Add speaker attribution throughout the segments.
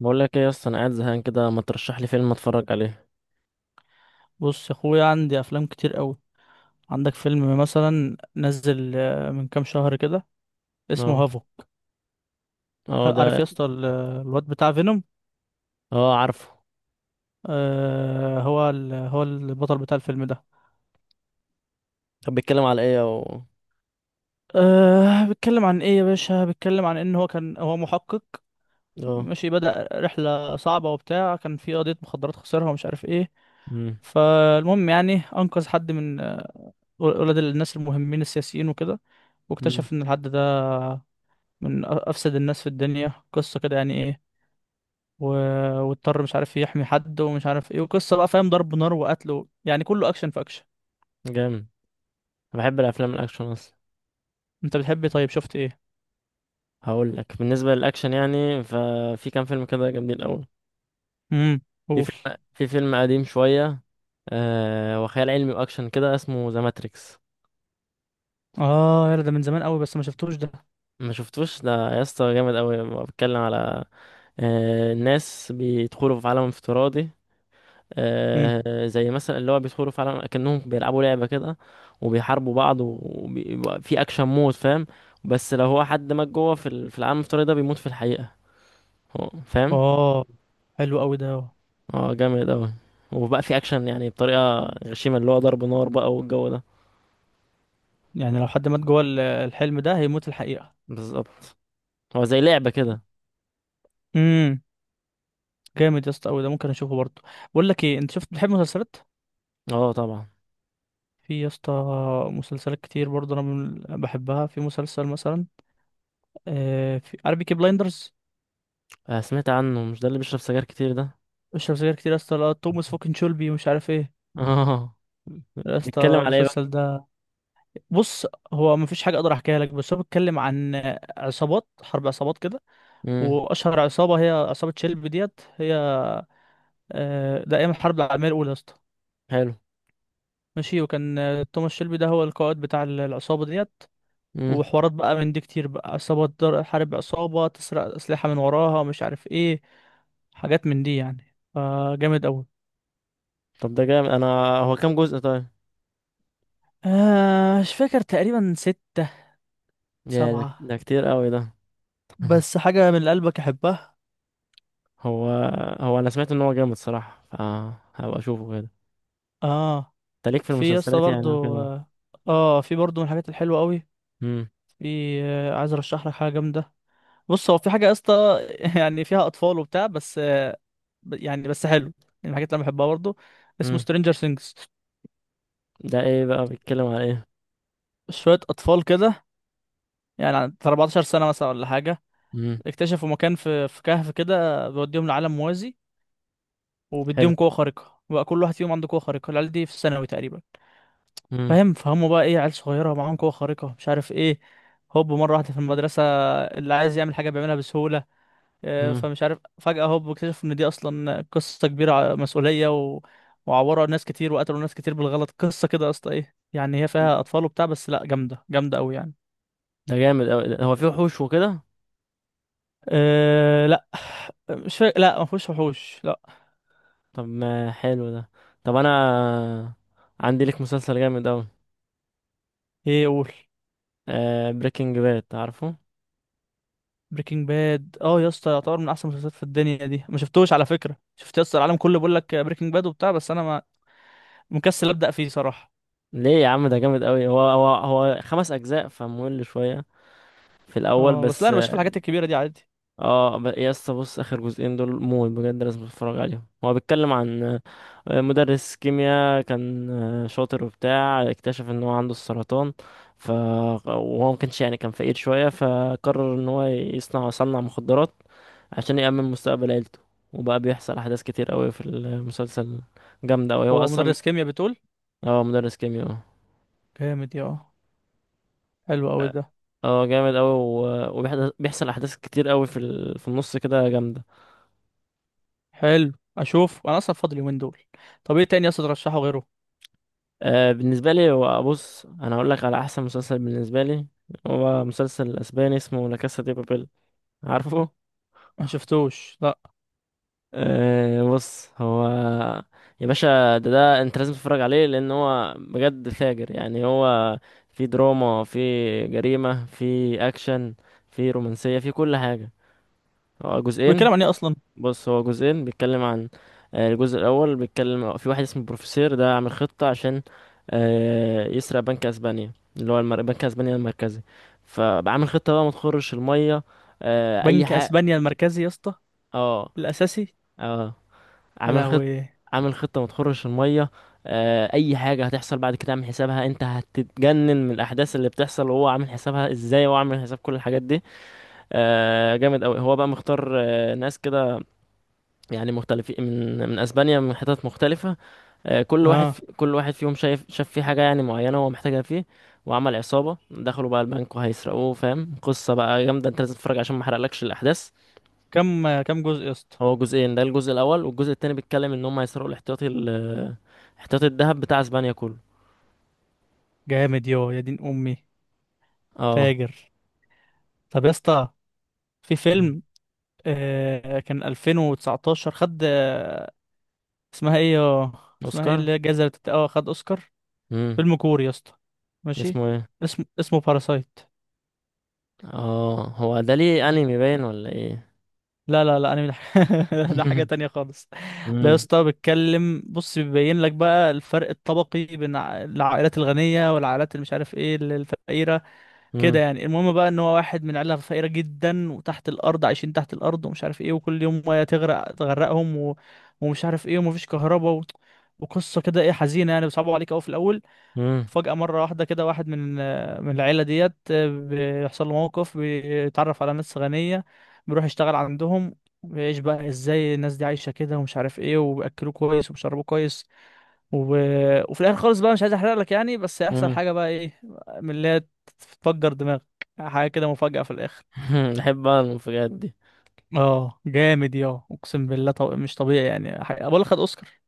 Speaker 1: بقول لك ايه يا اسطى؟ انا قاعد زهقان كده، ما ترشح لي فيلم اتفرج عليه.
Speaker 2: بص يا اخويا، عندي افلام كتير قوي. عندك فيلم مثلا نزل من كام شهر كده، اسمه
Speaker 1: اه.
Speaker 2: هافو.
Speaker 1: اه
Speaker 2: عارف
Speaker 1: ده.
Speaker 2: يا اسطى الواد بتاع فينوم،
Speaker 1: اه عارفه.
Speaker 2: هو هو البطل بتاع الفيلم ده.
Speaker 1: طب بيتكلم على ايه او؟
Speaker 2: بيتكلم عن ايه يا باشا؟ بيتكلم عن ان هو كان، هو محقق،
Speaker 1: اه.
Speaker 2: ماشي، بدأ رحلة صعبة وبتاع. كان في قضية مخدرات خسرها ومش عارف ايه.
Speaker 1: امم.
Speaker 2: فالمهم يعني انقذ حد من ولاد الناس المهمين السياسيين وكده،
Speaker 1: امم.
Speaker 2: واكتشف ان الحد ده من افسد الناس في الدنيا. قصة كده يعني، ايه، و... واضطر مش عارف يحمي حد ومش عارف ايه، وقصة بقى فاهم، ضرب نار وقتل يعني كله اكشن في اكشن.
Speaker 1: جامد. انا بحب الافلام الاكشن اصلا.
Speaker 2: انت بتحب إيه؟ طيب شفت ايه؟
Speaker 1: هقول لك بالنسبه للاكشن، يعني ففي كام فيلم كده جامدين قوي.
Speaker 2: امم
Speaker 1: في
Speaker 2: قول.
Speaker 1: فيلم في فيلم قديم شويه. وخيال علمي واكشن كده، اسمه ذا ماتريكس.
Speaker 2: اه يلا، ده من زمان قوي بس ما شفتوش ده.
Speaker 1: ما شفتوش ده. يا اسطى جامد قوي، بيتكلم على الناس بيدخلوا في عالم افتراضي.
Speaker 2: امم.
Speaker 1: زي مثلا اللي هو بيدخلوا فعلا كأنهم بيلعبوا لعبة كده. وبيحاربوا بعض وبيبقى في أكشن مود، فاهم. بس لو هو حد مات جوه في العالم الافتراضي ده بيموت في الحقيقة، هو فاهم.
Speaker 2: اه، حلو قوي ده.
Speaker 1: اه جامد أوي. وبقى في أكشن يعني بطريقة غشيمة، اللي هو ضرب نار بقى والجو ده.
Speaker 2: يعني لو حد مات جوه الحلم ده، هيموت الحقيقة.
Speaker 1: بالظبط. هو زي لعبة كده.
Speaker 2: امم. جامد يا اسطى قوي ده، ممكن اشوفه برضه. بقول لك ايه، انت شفت، بتحب مسلسلات؟
Speaker 1: اه طبعا.
Speaker 2: في يا اسطى مسلسلات كتير برضه، انا بحبها. في مسلسل مثلا في، عارف بيكي بلايندرز.
Speaker 1: سمعت عنه، مش ده اللي بيشرب سجاير كتير ده؟
Speaker 2: اشرب سجاير كتير يا اسطى؟ لا، توماس فوكن شولبي ومش عارف ايه.
Speaker 1: اه.
Speaker 2: يا اسطى
Speaker 1: بيتكلم على ايه بقى؟
Speaker 2: المسلسل ده، بص، هو مفيش حاجه اقدر احكيها لك، بس هو بيتكلم عن عصابات، حرب عصابات كده.
Speaker 1: امم.
Speaker 2: واشهر عصابه هي عصابه شيلبي ديت هي، ده ايام الحرب العالميه الاولى يا اسطى.
Speaker 1: حلو.
Speaker 2: ماشي، وكان توماس شيلبي ده هو القائد بتاع العصابه ديت.
Speaker 1: امم.
Speaker 2: وحوارات بقى من دي كتير، بقى عصابه تحارب عصابه، تسرق اسلحه من وراها مش عارف ايه، حاجات من دي يعني، فجامد قوي.
Speaker 1: طب ده جامد. انا هو كام جزء طيب؟
Speaker 2: مش فاكر، تقريبا ستة،
Speaker 1: يا ده
Speaker 2: سبعة.
Speaker 1: ده كتير قوي ده.
Speaker 2: بس حاجة من اللي قلبك أحبها.
Speaker 1: هو هو انا سمعت ان هو جامد صراحه، فهبقى اشوفه كده.
Speaker 2: آه
Speaker 1: انت ليك في
Speaker 2: في يا اسطى
Speaker 1: المسلسلات
Speaker 2: برضه.
Speaker 1: يعني وكده؟
Speaker 2: اه، في برضه من الحاجات الحلوه قوي.
Speaker 1: امم.
Speaker 2: في عايز ارشح لك حاجه جامده. بص هو في حاجه يا اسطى، يعني فيها اطفال وبتاع بس يعني بس حلو يعني، من الحاجات اللي انا بحبها برضه. اسمه
Speaker 1: امم.
Speaker 2: سترينجر سينجز.
Speaker 1: ده ايه بقى، بيتكلم على ايه؟
Speaker 2: شويه اطفال كده يعني، عند 14 سنه مثلا ولا حاجه،
Speaker 1: امم.
Speaker 2: اكتشفوا مكان في كهف كده بيوديهم لعالم موازي،
Speaker 1: حلو.
Speaker 2: وبيديهم قوه خارقه بقى، كل واحد فيهم عنده قوه خارقه، العيال دي في الثانوي تقريبا.
Speaker 1: امم.
Speaker 2: فاهم، فهموا بقى ايه، عيال صغيره معاهم قوه خارقه مش عارف ايه. هوب مره واحده في المدرسه اللي عايز يعمل حاجه بيعملها بسهوله.
Speaker 1: امم.
Speaker 2: فمش عارف، فجاه هوب اكتشف ان دي اصلا قصه كبيره، مسؤوليه، وعوروا ناس كتير وقتلوا ناس كتير بالغلط. قصه كده يا اسطى، ايه يعني، هي فيها اطفال وبتاع بس لا، جامده جامده قوي يعني.
Speaker 1: ده جامد أوي. هو فيه وحوش وكده؟
Speaker 2: أه لا، مش فا... لا، ما فيهوش وحوش، لا.
Speaker 1: طب ما حلو ده. طب انا عندي ليك مسلسل جامد أوي.
Speaker 2: ايه، قول.
Speaker 1: بريكنج باد، عارفه؟
Speaker 2: بريكنج باد، اه يا اسطى، يعتبر من احسن المسلسلات في الدنيا دي، ما شفتوش. على فكره، شفت يا اسطى العالم كله بيقول لك بريكنج باد وبتاع، بس انا مكسل ابدا فيه صراحه.
Speaker 1: ليه يا عم ده جامد أوي. هو خمس اجزاء فممل شويه في الاول
Speaker 2: اه، بس لا،
Speaker 1: بس
Speaker 2: انا
Speaker 1: اه.
Speaker 2: بشوف الحاجات الكبيره دي عادي.
Speaker 1: يا اسطى بص، اخر جزئين دول موت، بجد لازم تتفرج عليهم. هو بيتكلم عن مدرس كيمياء، كان شاطر وبتاع، اكتشف ان هو عنده السرطان. وهو ما كانش، يعني كان فقير شوية، فقرر ان هو يصنع مخدرات عشان يأمن مستقبل عيلته. وبقى بيحصل احداث كتير قوي في المسلسل، جامدة قوي هو
Speaker 2: هو
Speaker 1: اصلا.
Speaker 2: مدرس كيمياء بتقول؟
Speaker 1: هو مدرس كيمياء.
Speaker 2: جامد، يا اه، حلو قوي
Speaker 1: اه.
Speaker 2: ده.
Speaker 1: اه جامد قوي. وبيحصل احداث كتير قوي في النص كده، جامده.
Speaker 2: حلو. اشوف، انا اصلا فاضل يومين دول. طب ايه تاني يا اسطى ترشحه غيره؟
Speaker 1: بالنسبه لي هو، بص انا هقول لك على احسن مسلسل بالنسبه لي. هو مسلسل اسباني اسمه لا كاسا دي بابيل، عارفه؟
Speaker 2: ما شفتوش لا.
Speaker 1: أه. بص هو، يا باشا ده انت لازم تتفرج عليه، لان هو بجد فاجر. يعني هو في دراما، في جريمة، في اكشن، في رومانسية، في كل حاجة. هو جزئين.
Speaker 2: بيتكلم عن ايه اصلا؟
Speaker 1: بص هو جزئين، بيتكلم عن الجزء الاول بيتكلم في واحد اسمه بروفيسير، ده عامل خطة عشان يسرق بنك اسبانيا، اللي هو بنك اسبانيا المركزي. فعامل خطة بقى ما تخرش المية. اي
Speaker 2: بنك
Speaker 1: حاجة.
Speaker 2: اسبانيا المركزي يا اسطى؟
Speaker 1: اه.
Speaker 2: الاساسي؟
Speaker 1: اه.
Speaker 2: يا
Speaker 1: عامل خط
Speaker 2: لهوي.
Speaker 1: عامل خطة ما تخرش المية. اي حاجة هتحصل بعد كده عامل حسابها. انت هتتجنن من الاحداث اللي بتحصل، وهو عامل حسابها ازاي، وهو عامل حساب كل الحاجات دي. جامد قوي. هو بقى مختار ناس كده، يعني مختلفين من اسبانيا، من حتت مختلفة.
Speaker 2: اه.
Speaker 1: كل واحد فيهم شاف فيه حاجة يعني معينة هو محتاجها فيه. وعمل عصابة، دخلوا بقى البنك وهيسرقوه، فاهم؟ قصة بقى جامدة، انت لازم تتفرج عشان ما احرقلكش الاحداث.
Speaker 2: كم جزء يا اسطى؟
Speaker 1: هو جزئين. ده الجزء الاول، والجزء التاني بيتكلم ان هم هيسرقوا الاحتياطي ال احتياطي الذهب بتاع اسبانيا كله.
Speaker 2: جامد، يو يا دين امي،
Speaker 1: اه.
Speaker 2: فاجر. طب يا اسطى، في فيلم كان 2019، خد، اسمها ايه يا، اسمها ايه
Speaker 1: اوسكار.
Speaker 2: اللي هي الجايزه اللي اه، خد اوسكار.
Speaker 1: امم.
Speaker 2: فيلم كوري يا اسطى، ماشي،
Speaker 1: اسمه ايه؟
Speaker 2: اسمه باراسايت.
Speaker 1: اه، هو ده ليه انمي باين ولا ايه؟
Speaker 2: لا لا لا، انا من ده حاجة تانية خالص. ده يا
Speaker 1: امم.
Speaker 2: اسطى بيتكلم، بص، بيبين لك بقى الفرق الطبقي بين العائلات الغنية والعائلات اللي مش عارف ايه الفقيرة، كده
Speaker 1: امم.
Speaker 2: يعني. المهم بقى ان هو واحد من عائلة فقيرة جدا، وتحت الارض عايشين تحت الارض ومش عارف ايه، وكل يوم ميه تغرقهم ومش عارف ايه ومفيش كهرباء وقصة كده ايه، حزينة يعني، بيصعبوا عليك قوي في الاول.
Speaker 1: امم.
Speaker 2: فجأة مرة واحدة كده واحد من العيلة ديت بيحصل له موقف، بيتعرف على ناس غنية، بيروح يشتغل عندهم، بيعيش بقى ازاي الناس دي عايشة كده ومش عارف ايه، وبيأكلوه كويس وبيشربوه كويس و... وفي الآخر خالص بقى، مش عايز احرق لك يعني، بس هيحصل
Speaker 1: امم.
Speaker 2: حاجة بقى ايه، من اللي هي تفجر دماغك، حاجة كده مفاجأة في الآخر.
Speaker 1: بحب بقى المفاجآت دي.
Speaker 2: اه جامد، يا اقسم بالله، مش طبيعي يعني، حاجة بقول لك، خد اوسكار.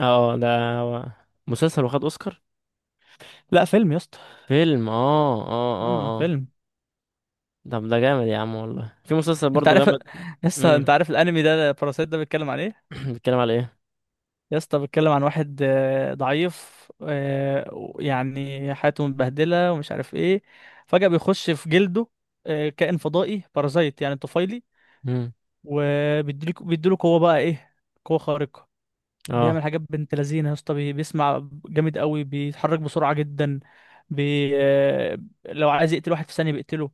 Speaker 1: اه ده. هو مسلسل واخد اوسكار؟
Speaker 2: لا فيلم يا اسطى.
Speaker 1: فيلم. اه اه
Speaker 2: اه،
Speaker 1: اه اه.
Speaker 2: فيلم.
Speaker 1: طب ده جامد يا عم والله. في مسلسل
Speaker 2: انت
Speaker 1: برضه
Speaker 2: عارف
Speaker 1: جامد.
Speaker 2: لسه انت
Speaker 1: امم.
Speaker 2: عارف الانمي ده باراسايت ده بيتكلم عن ايه؟
Speaker 1: بيتكلم على ايه؟
Speaker 2: يا اسطى بتكلم عن واحد ضعيف، يعني حياته متبهدلة ومش عارف ايه. فجأة بيخش في جلده كائن فضائي بارازايت يعني طفيلي،
Speaker 1: امم.
Speaker 2: وبيديله قوة بقى ايه، قوة خارقة.
Speaker 1: اه،
Speaker 2: بيعمل حاجات بنت لذينة يا اسطى، بيسمع جامد قوي، بيتحرك بسرعة جدا، بي آه، لو عايز يقتل واحد في ثانية بيقتله.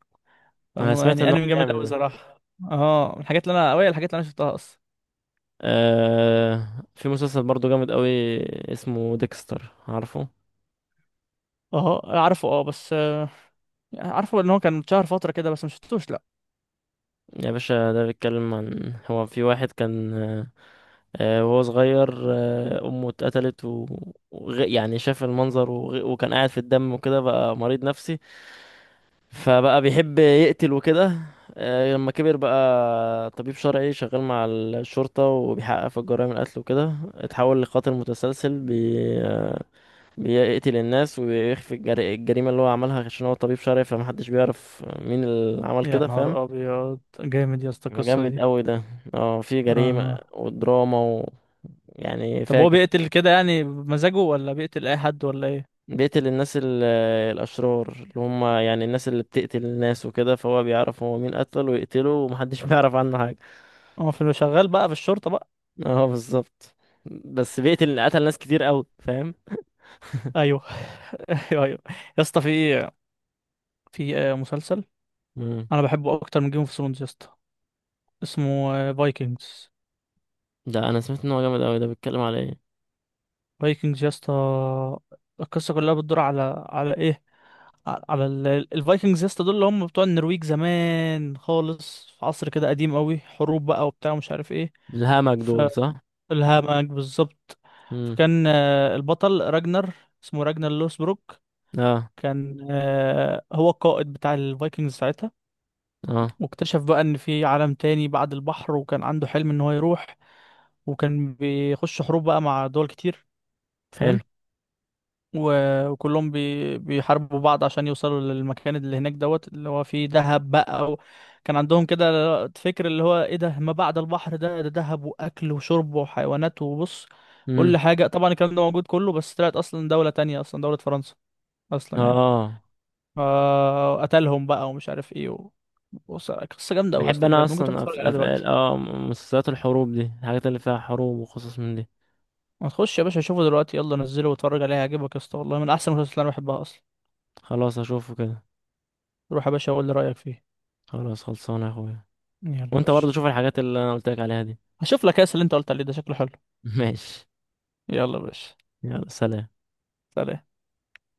Speaker 1: انا سمعت
Speaker 2: يعني
Speaker 1: ان هو
Speaker 2: انمي جامد قوي
Speaker 1: جامد.
Speaker 2: صراحة. اه، من الحاجات اللي انا اوي، الحاجات اللي انا شفتها اصلا.
Speaker 1: آه في مسلسل برضو جامد قوي، اسمه ديكستر، عارفه؟
Speaker 2: اه عارفه. اه بس عارفه ان هو كان اتشهر فترة كده، بس مشفتوش.
Speaker 1: يا باشا ده بيتكلم عن، هو في واحد كان وهو صغير، أمه اتقتلت يعني شاف المنظر، وكان قاعد في الدم، وكده بقى مريض نفسي، فبقى بيحب يقتل وكده. لما كبر بقى طبيب شرعي، شغال مع الشرطة وبيحقق في الجرائم القتل وكده، اتحول لقاتل متسلسل آه، بيقتل الناس ويخفي الجريمة اللي هو عملها، عشان هو طبيب شرعي فمحدش بيعرف مين اللي عمل
Speaker 2: يا
Speaker 1: كده، فاهم.
Speaker 2: نهار ابيض، جامد يا اسطى القصه
Speaker 1: جامد
Speaker 2: دي.
Speaker 1: قوي ده. اه، في جريمة
Speaker 2: آه.
Speaker 1: ودراما يعني
Speaker 2: طب هو
Speaker 1: فاجر.
Speaker 2: بيقتل كده يعني بمزاجه، ولا بيقتل اي حد ولا ايه؟
Speaker 1: بيقتل الناس الأشرار، اللي هم يعني الناس اللي بتقتل الناس وكده، فهو بيعرف هو مين قتل ويقتله، ومحدش بيعرف عنه حاجة.
Speaker 2: هو في، شغال بقى في الشرطه بقى؟
Speaker 1: اه بالظبط. بس قتل ناس كتير قوي، فاهم.
Speaker 2: ايوه، ايوه ايوه. يا اسطى في، مسلسل
Speaker 1: مم.
Speaker 2: انا بحبه اكتر من جيم اوف ثرونز يا اسطى، اسمه فايكنجز.
Speaker 1: ده انا سمعت ان هو جامد قوي. ده بيتكلم على ايه؟
Speaker 2: فايكنجز يا اسطى، القصه كلها بتدور على، على ايه؟ على الفايكنجز يا اسطى، دول اللي هم بتوع النرويج زمان خالص، في عصر كده قديم قوي، حروب بقى وبتاع ومش عارف ايه.
Speaker 1: الهمج دول صح.
Speaker 2: الهامك بالظبط.
Speaker 1: امم.
Speaker 2: فكان البطل راجنر، اسمه راجنر لوسبروك.
Speaker 1: اه.
Speaker 2: كان هو القائد بتاع الفايكنجز ساعتها.
Speaker 1: اه
Speaker 2: واكتشف بقى ان في عالم تاني بعد البحر، وكان عنده حلم ان هو يروح، وكان بيخش حروب بقى مع دول كتير،
Speaker 1: حلو.
Speaker 2: فاهم. وكلهم بيحاربوا بعض عشان يوصلوا للمكان اللي هناك دوت، اللي هو فيه دهب بقى كان عندهم كده فكر اللي هو ايه، ده ما بعد البحر ده دهب واكل وشرب وحيوانات وبص،
Speaker 1: مم.
Speaker 2: كل حاجة. طبعا الكلام ده موجود كله، بس طلعت اصلا دولة تانية، اصلا دولة فرنسا اصلا يعني.
Speaker 1: اه
Speaker 2: فقتلهم بقى ومش عارف ايه بص، قصة جامدة أوي يا
Speaker 1: بحب
Speaker 2: اسطى،
Speaker 1: انا
Speaker 2: بجد ممكن تروح
Speaker 1: اصلا
Speaker 2: تتفرج
Speaker 1: أف...
Speaker 2: عليها
Speaker 1: أف...
Speaker 2: دلوقتي.
Speaker 1: اه مسلسلات الحروب دي، الحاجات اللي فيها حروب وقصص من دي.
Speaker 2: ما تخش يا باشا، شوفه دلوقتي، يلا نزله واتفرج عليه، هيعجبك يا اسطى، والله من أحسن المسلسلات اللي أنا بحبها أصلا.
Speaker 1: خلاص اشوفه كده.
Speaker 2: روح يا باشا، قول لي رأيك فيه.
Speaker 1: خلاص خلصانه يا اخويا.
Speaker 2: يلا يا
Speaker 1: وانت
Speaker 2: باشا.
Speaker 1: برضه شوف الحاجات اللي انا قلت لك عليها دي.
Speaker 2: هشوف لك كاس اللي انت قلت عليه ده، شكله حلو.
Speaker 1: ماشي.
Speaker 2: يلا يا باشا.
Speaker 1: يلا سلام.
Speaker 2: سلام.